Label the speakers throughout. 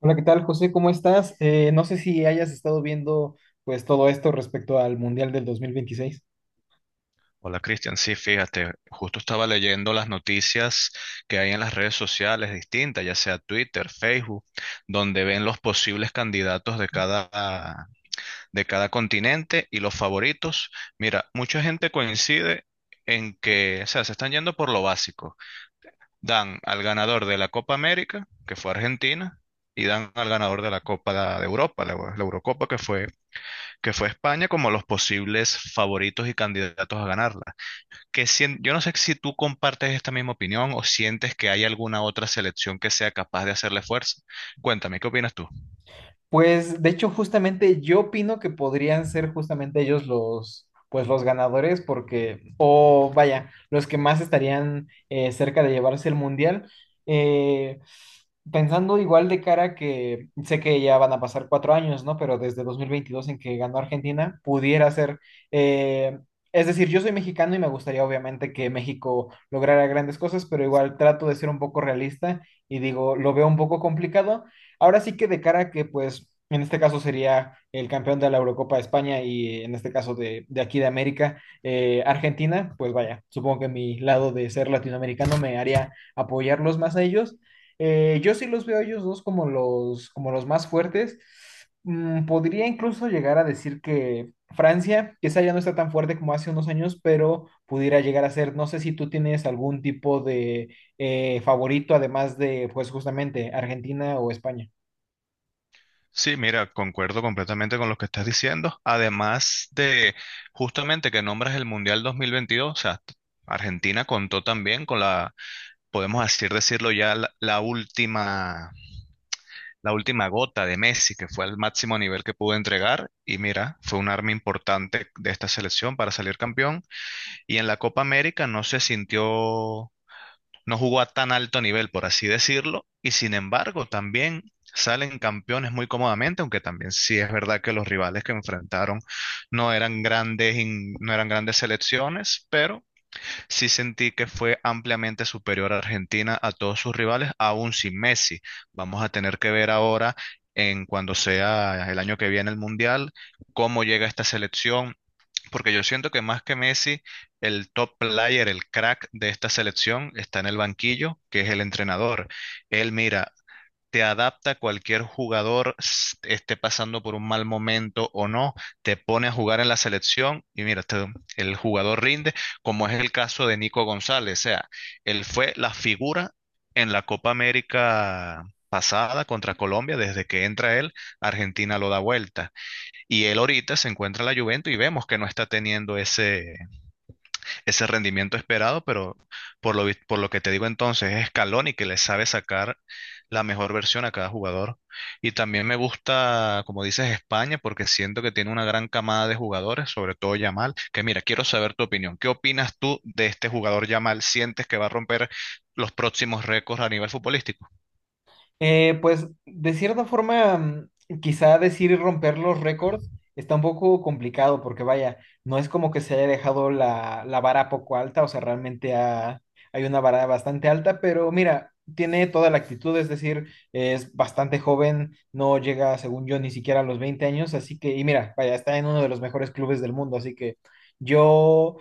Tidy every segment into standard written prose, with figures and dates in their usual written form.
Speaker 1: Hola, ¿qué tal, José? ¿Cómo estás? No sé si hayas estado viendo pues todo esto respecto al Mundial del 2026.
Speaker 2: Hola, Cristian, sí, fíjate, justo estaba leyendo las noticias que hay en las redes sociales distintas, ya sea Twitter, Facebook, donde ven los posibles candidatos de cada continente y los favoritos. Mira, mucha gente coincide en que, o sea, se están yendo por lo básico. Dan al ganador de la Copa América, que fue Argentina, y dan al ganador de la Copa de Europa, la Eurocopa, que fue España, como los posibles favoritos y candidatos a ganarla yo no sé si tú compartes esta misma opinión o sientes que hay alguna otra selección que sea capaz de hacerle fuerza. Cuéntame, ¿qué opinas tú?
Speaker 1: Pues de hecho, justamente yo opino que podrían ser justamente ellos los, pues los ganadores, porque, o vaya, los que más estarían cerca de llevarse el mundial. Eh, Pensando igual de cara que sé que ya van a pasar 4 años, ¿no? Pero desde 2022 en que ganó Argentina, pudiera ser. eh, es decir, yo soy mexicano y me gustaría obviamente que México lograra grandes cosas, pero igual trato de ser un poco realista y digo, lo veo un poco complicado. Ahora sí que de cara a que, pues, en este caso sería el campeón de la Eurocopa de España y en este caso de aquí de América, Argentina, pues vaya, supongo que mi lado de ser latinoamericano me haría apoyarlos más a ellos. Yo sí los veo a ellos dos como los más fuertes. Mm, podría incluso llegar a decir que Francia, quizá ya no está tan fuerte como hace unos años, pero pudiera llegar a ser, no sé si tú tienes algún tipo de favorito, además de, pues justamente, Argentina o España.
Speaker 2: Sí, mira, concuerdo completamente con lo que estás diciendo. Además de justamente que nombras el Mundial 2022, Argentina contó también con la, podemos así decirlo ya, la última, la última gota de Messi, que fue el máximo nivel que pudo entregar. Y mira, fue un arma importante de esta selección para salir campeón. Y en la Copa América no se sintió, no jugó a tan alto nivel, por así decirlo. Y sin embargo, también salen campeones muy cómodamente, aunque también sí es verdad que los rivales que enfrentaron no eran grandes, no eran grandes selecciones, pero sí sentí que fue ampliamente superior a Argentina a todos sus rivales, aún sin Messi. Vamos a tener que ver ahora en cuando sea el año que viene el Mundial, cómo llega esta selección porque yo siento que más que Messi, el top player, el crack de esta selección está en el banquillo, que es el entrenador. Él mira, te adapta a cualquier jugador esté pasando por un mal momento o no, te pone a jugar en la selección y mira, el jugador rinde, como es el caso de Nico González. O sea, él fue la figura en la Copa América pasada contra Colombia, desde que entra él, Argentina lo da vuelta. Y él ahorita se encuentra en la Juventus y vemos que no está teniendo ese, ese rendimiento esperado, pero por lo que te digo entonces, es Scaloni que le sabe sacar la mejor versión a cada jugador. Y también me gusta, como dices, España, porque siento que tiene una gran camada de jugadores, sobre todo Yamal, que mira, quiero saber tu opinión. ¿Qué opinas tú de este jugador Yamal? ¿Sientes que va a romper los próximos récords a nivel futbolístico?
Speaker 1: Pues de cierta forma, mm, quizá decir y romper los récords está un poco complicado porque vaya, no es como que se haya dejado la, la vara poco alta, o sea, hay una vara bastante alta, pero mira, tiene toda la actitud, es decir, es bastante joven, no llega, según yo, ni siquiera a los 20 años, así que, y mira, vaya, está en uno de los mejores clubes del mundo, así que yo,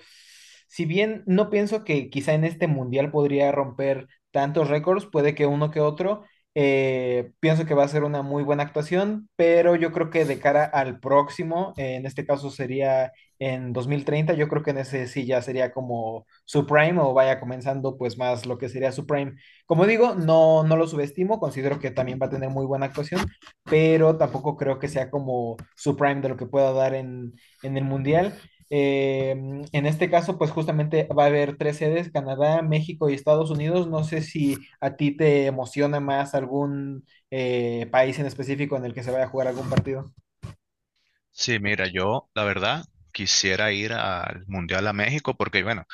Speaker 1: si bien no pienso que quizá en este mundial podría romper tantos récords, puede que uno que otro. Pienso que va a ser una muy buena actuación, pero yo creo que de cara al próximo, en este caso sería en 2030, yo creo que en ese sí ya sería como su prime o vaya comenzando pues más lo que sería su prime. Como digo, no, no lo subestimo, considero que también va a tener muy buena actuación, pero tampoco creo que sea como su prime de lo que pueda dar en el mundial. Eh, en este caso, pues justamente va a haber tres sedes, Canadá, México y Estados Unidos. No sé si a ti te emociona más algún país en específico en el que se vaya a jugar algún partido.
Speaker 2: Sí, mira, yo la verdad quisiera ir al Mundial a México porque, bueno,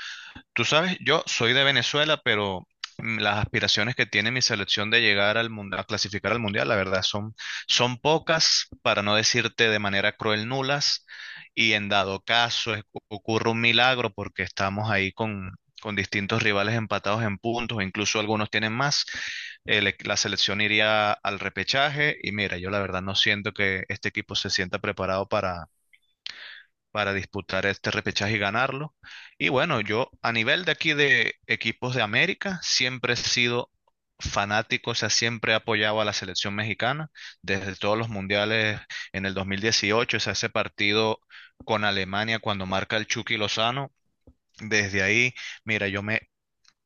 Speaker 2: tú sabes, yo soy de Venezuela, pero las aspiraciones que tiene mi selección de llegar al mundial, a clasificar al mundial, la verdad, son, son pocas, para no decirte de manera cruel nulas, y en dado caso ocurre un milagro porque estamos ahí con distintos rivales empatados en puntos, incluso algunos tienen más, la selección iría al repechaje, y mira, yo la verdad no siento que este equipo se sienta preparado para disputar este repechaje y ganarlo. Y bueno, yo a nivel de aquí de equipos de América, siempre he sido fanático, o sea, siempre he apoyado a la selección mexicana desde todos los mundiales en el 2018, o sea, ese partido con Alemania cuando marca el Chucky Lozano, desde ahí, mira, yo me...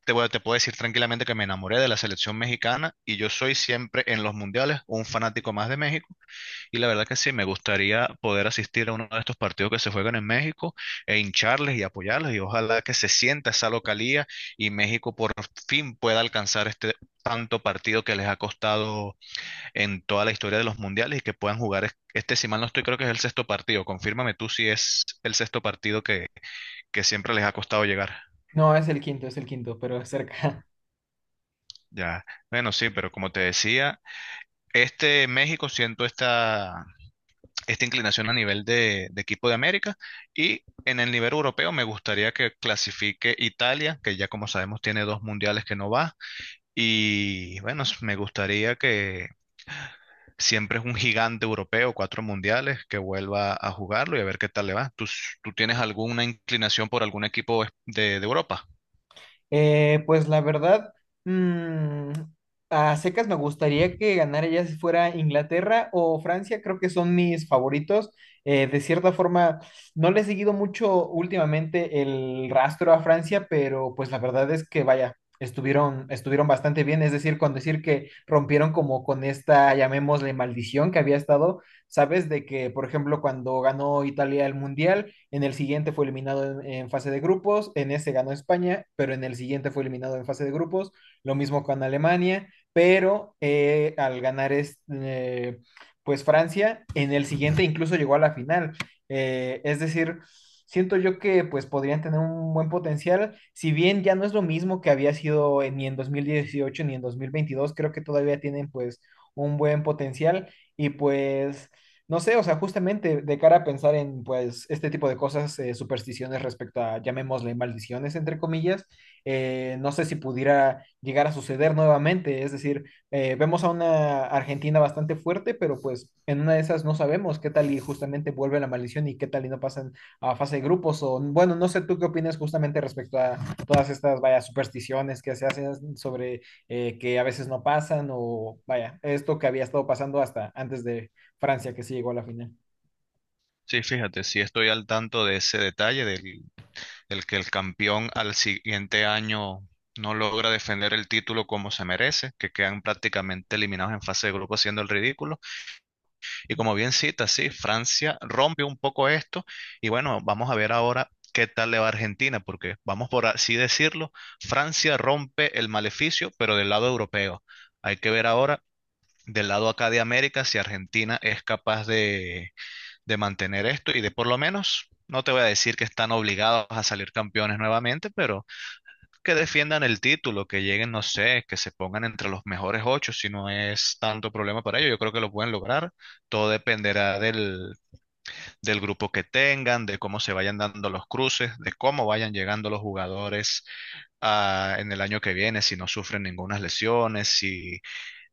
Speaker 2: Te puedo decir tranquilamente que me enamoré de la selección mexicana y yo soy siempre en los mundiales un fanático más de México y la verdad que sí, me gustaría poder asistir a uno de estos partidos que se juegan en México e hincharles y apoyarles. Y ojalá que se sienta esa localía y México por fin pueda alcanzar este tanto partido que les ha costado en toda la historia de los mundiales y que puedan jugar este, si mal no estoy, creo que es el sexto partido. Confírmame tú si es el sexto partido que siempre les ha costado llegar.
Speaker 1: No, es el quinto, pero es cerca.
Speaker 2: Ya, bueno, sí, pero como te decía, este México siento esta, esta inclinación a nivel de equipo de América, y en el nivel europeo me gustaría que clasifique Italia, que ya como sabemos tiene dos mundiales que no va, y bueno, me gustaría que siempre es un gigante europeo, cuatro mundiales, que vuelva a jugarlo y a ver qué tal le va. ¿Tú, tú tienes alguna inclinación por algún equipo de Europa?
Speaker 1: Pues la verdad, mm, a secas me gustaría que ganara ya si fuera Inglaterra o Francia, creo que son mis favoritos. De cierta forma, no le he seguido mucho últimamente el rastro a Francia, pero pues la verdad es que vaya, estuvieron bastante bien, es decir, con decir que rompieron como con esta, llamémosle, maldición que había estado, ¿sabes? De que, por ejemplo, cuando ganó Italia el Mundial en el siguiente fue eliminado en fase de grupos, en ese ganó España, pero en el siguiente fue eliminado en fase de grupos, lo mismo con Alemania, pero al ganar pues Francia, en el siguiente incluso llegó a la final. Es decir, siento yo que pues podrían tener un buen potencial, si bien ya no es lo mismo que había sido en, ni en 2018 ni en 2022, creo que todavía tienen pues un buen potencial y pues no sé, o sea, justamente de cara a pensar en, pues, este tipo de cosas, supersticiones respecto a, llamémosle, maldiciones, entre comillas, no sé si pudiera llegar a suceder nuevamente. Es decir, vemos a una Argentina bastante fuerte, pero pues en una de esas no sabemos qué tal y justamente vuelve la maldición y qué tal y no pasan a fase de grupos. O, bueno, no sé tú qué opinas justamente respecto a todas estas, vaya, supersticiones que se hacen sobre que a veces no pasan o, vaya, esto que había estado pasando hasta antes de Francia, que sí llegó a la final.
Speaker 2: Sí, fíjate, sí estoy al tanto de ese detalle del el que el campeón al siguiente año no logra defender el título como se merece, que quedan prácticamente eliminados en fase de grupo haciendo el ridículo. Y como bien cita, sí, Francia rompe un poco esto y bueno, vamos a ver ahora qué tal le va a Argentina, porque vamos por así decirlo, Francia rompe el maleficio, pero del lado europeo. Hay que ver ahora. Del lado acá de América, si Argentina es capaz de mantener esto y de por lo menos, no te voy a decir que están obligados a salir campeones nuevamente, pero que defiendan el título, que lleguen, no sé, que se pongan entre los mejores ocho, si no es tanto problema para ellos, yo creo que lo pueden lograr. Todo dependerá del, del grupo que tengan, de cómo se vayan dando los cruces, de cómo vayan llegando los jugadores ah, en el año que viene, si no sufren ninguna lesiones, si,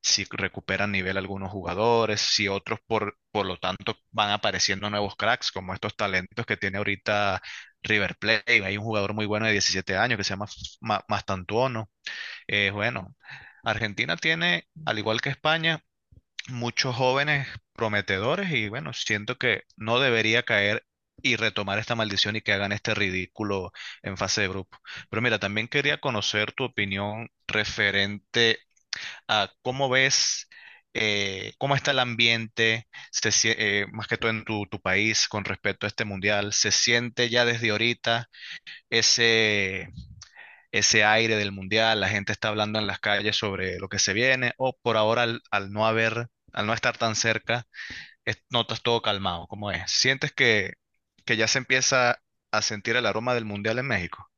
Speaker 2: si recuperan nivel algunos jugadores, si otros por lo tanto van apareciendo nuevos cracks, como estos talentos que tiene ahorita. River Plate, hay un jugador muy bueno de 17 años que se llama Mastantuono, bueno, Argentina tiene, al igual que España, muchos jóvenes prometedores y bueno, siento que no debería caer y retomar esta maldición y que hagan este ridículo en fase de grupo. Pero mira, también quería conocer tu opinión referente a cómo ves, cómo está el ambiente, más que todo en tu, tu país con respecto a este mundial. ¿Se siente ya desde ahorita ese ese aire del mundial, la gente está hablando en las calles sobre lo que se viene, o por ahora al, al no haber, al no estar tan cerca, notas todo calmado? ¿Cómo es? ¿Sientes que ya se empieza a sentir el aroma del mundial en México?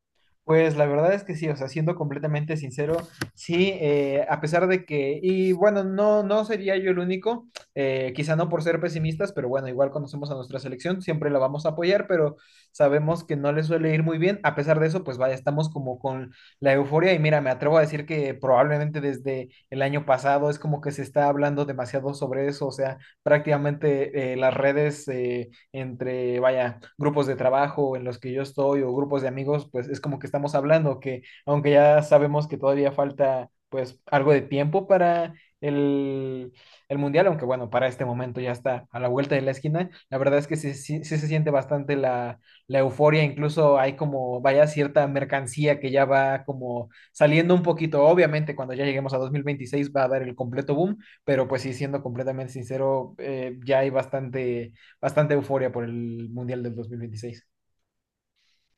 Speaker 1: Pues la verdad es que sí, o sea, siendo completamente sincero, sí, a pesar de que, y bueno, no, no sería yo el único, quizá no por ser pesimistas, pero bueno, igual conocemos a nuestra selección, siempre la vamos a apoyar, pero sabemos que no le suele ir muy bien, a pesar de eso, pues vaya, estamos como con la euforia y mira, me atrevo a decir que probablemente desde el año pasado es como que se está hablando demasiado sobre eso, o sea, prácticamente las redes entre, vaya, grupos de trabajo en los que yo estoy o grupos de amigos, pues es como que estamos hablando que aunque ya sabemos que todavía falta pues algo de tiempo para el, el mundial, aunque bueno, para este momento ya está a la vuelta de la esquina, la verdad es que sí, sí se siente bastante la, la euforia, incluso hay como, vaya, cierta mercancía que ya va como saliendo un poquito, obviamente cuando ya lleguemos a 2026 va a dar el completo boom, pero pues sí, siendo completamente sincero, ya hay bastante euforia por el Mundial del 2026.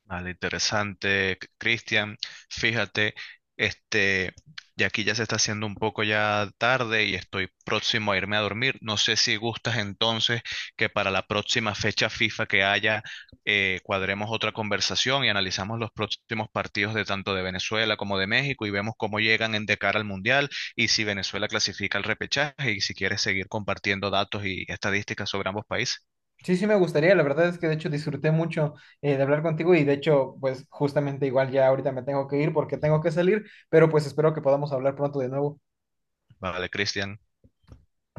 Speaker 2: Vale, interesante, Cristian. Fíjate, este, y aquí ya se está haciendo un poco ya tarde y estoy próximo a irme a dormir. No sé si gustas entonces que para la próxima fecha FIFA que haya, cuadremos otra conversación y analizamos los próximos partidos de tanto de Venezuela como de México y vemos cómo llegan en de cara al Mundial, y si Venezuela clasifica al repechaje y si quieres seguir compartiendo datos y estadísticas sobre ambos países.
Speaker 1: Sí, sí me gustaría, la verdad es que de hecho disfruté mucho de hablar contigo y de hecho pues justamente igual ya ahorita me tengo que ir porque tengo que salir, pero pues espero que podamos hablar pronto de nuevo.
Speaker 2: Vale, Cristian.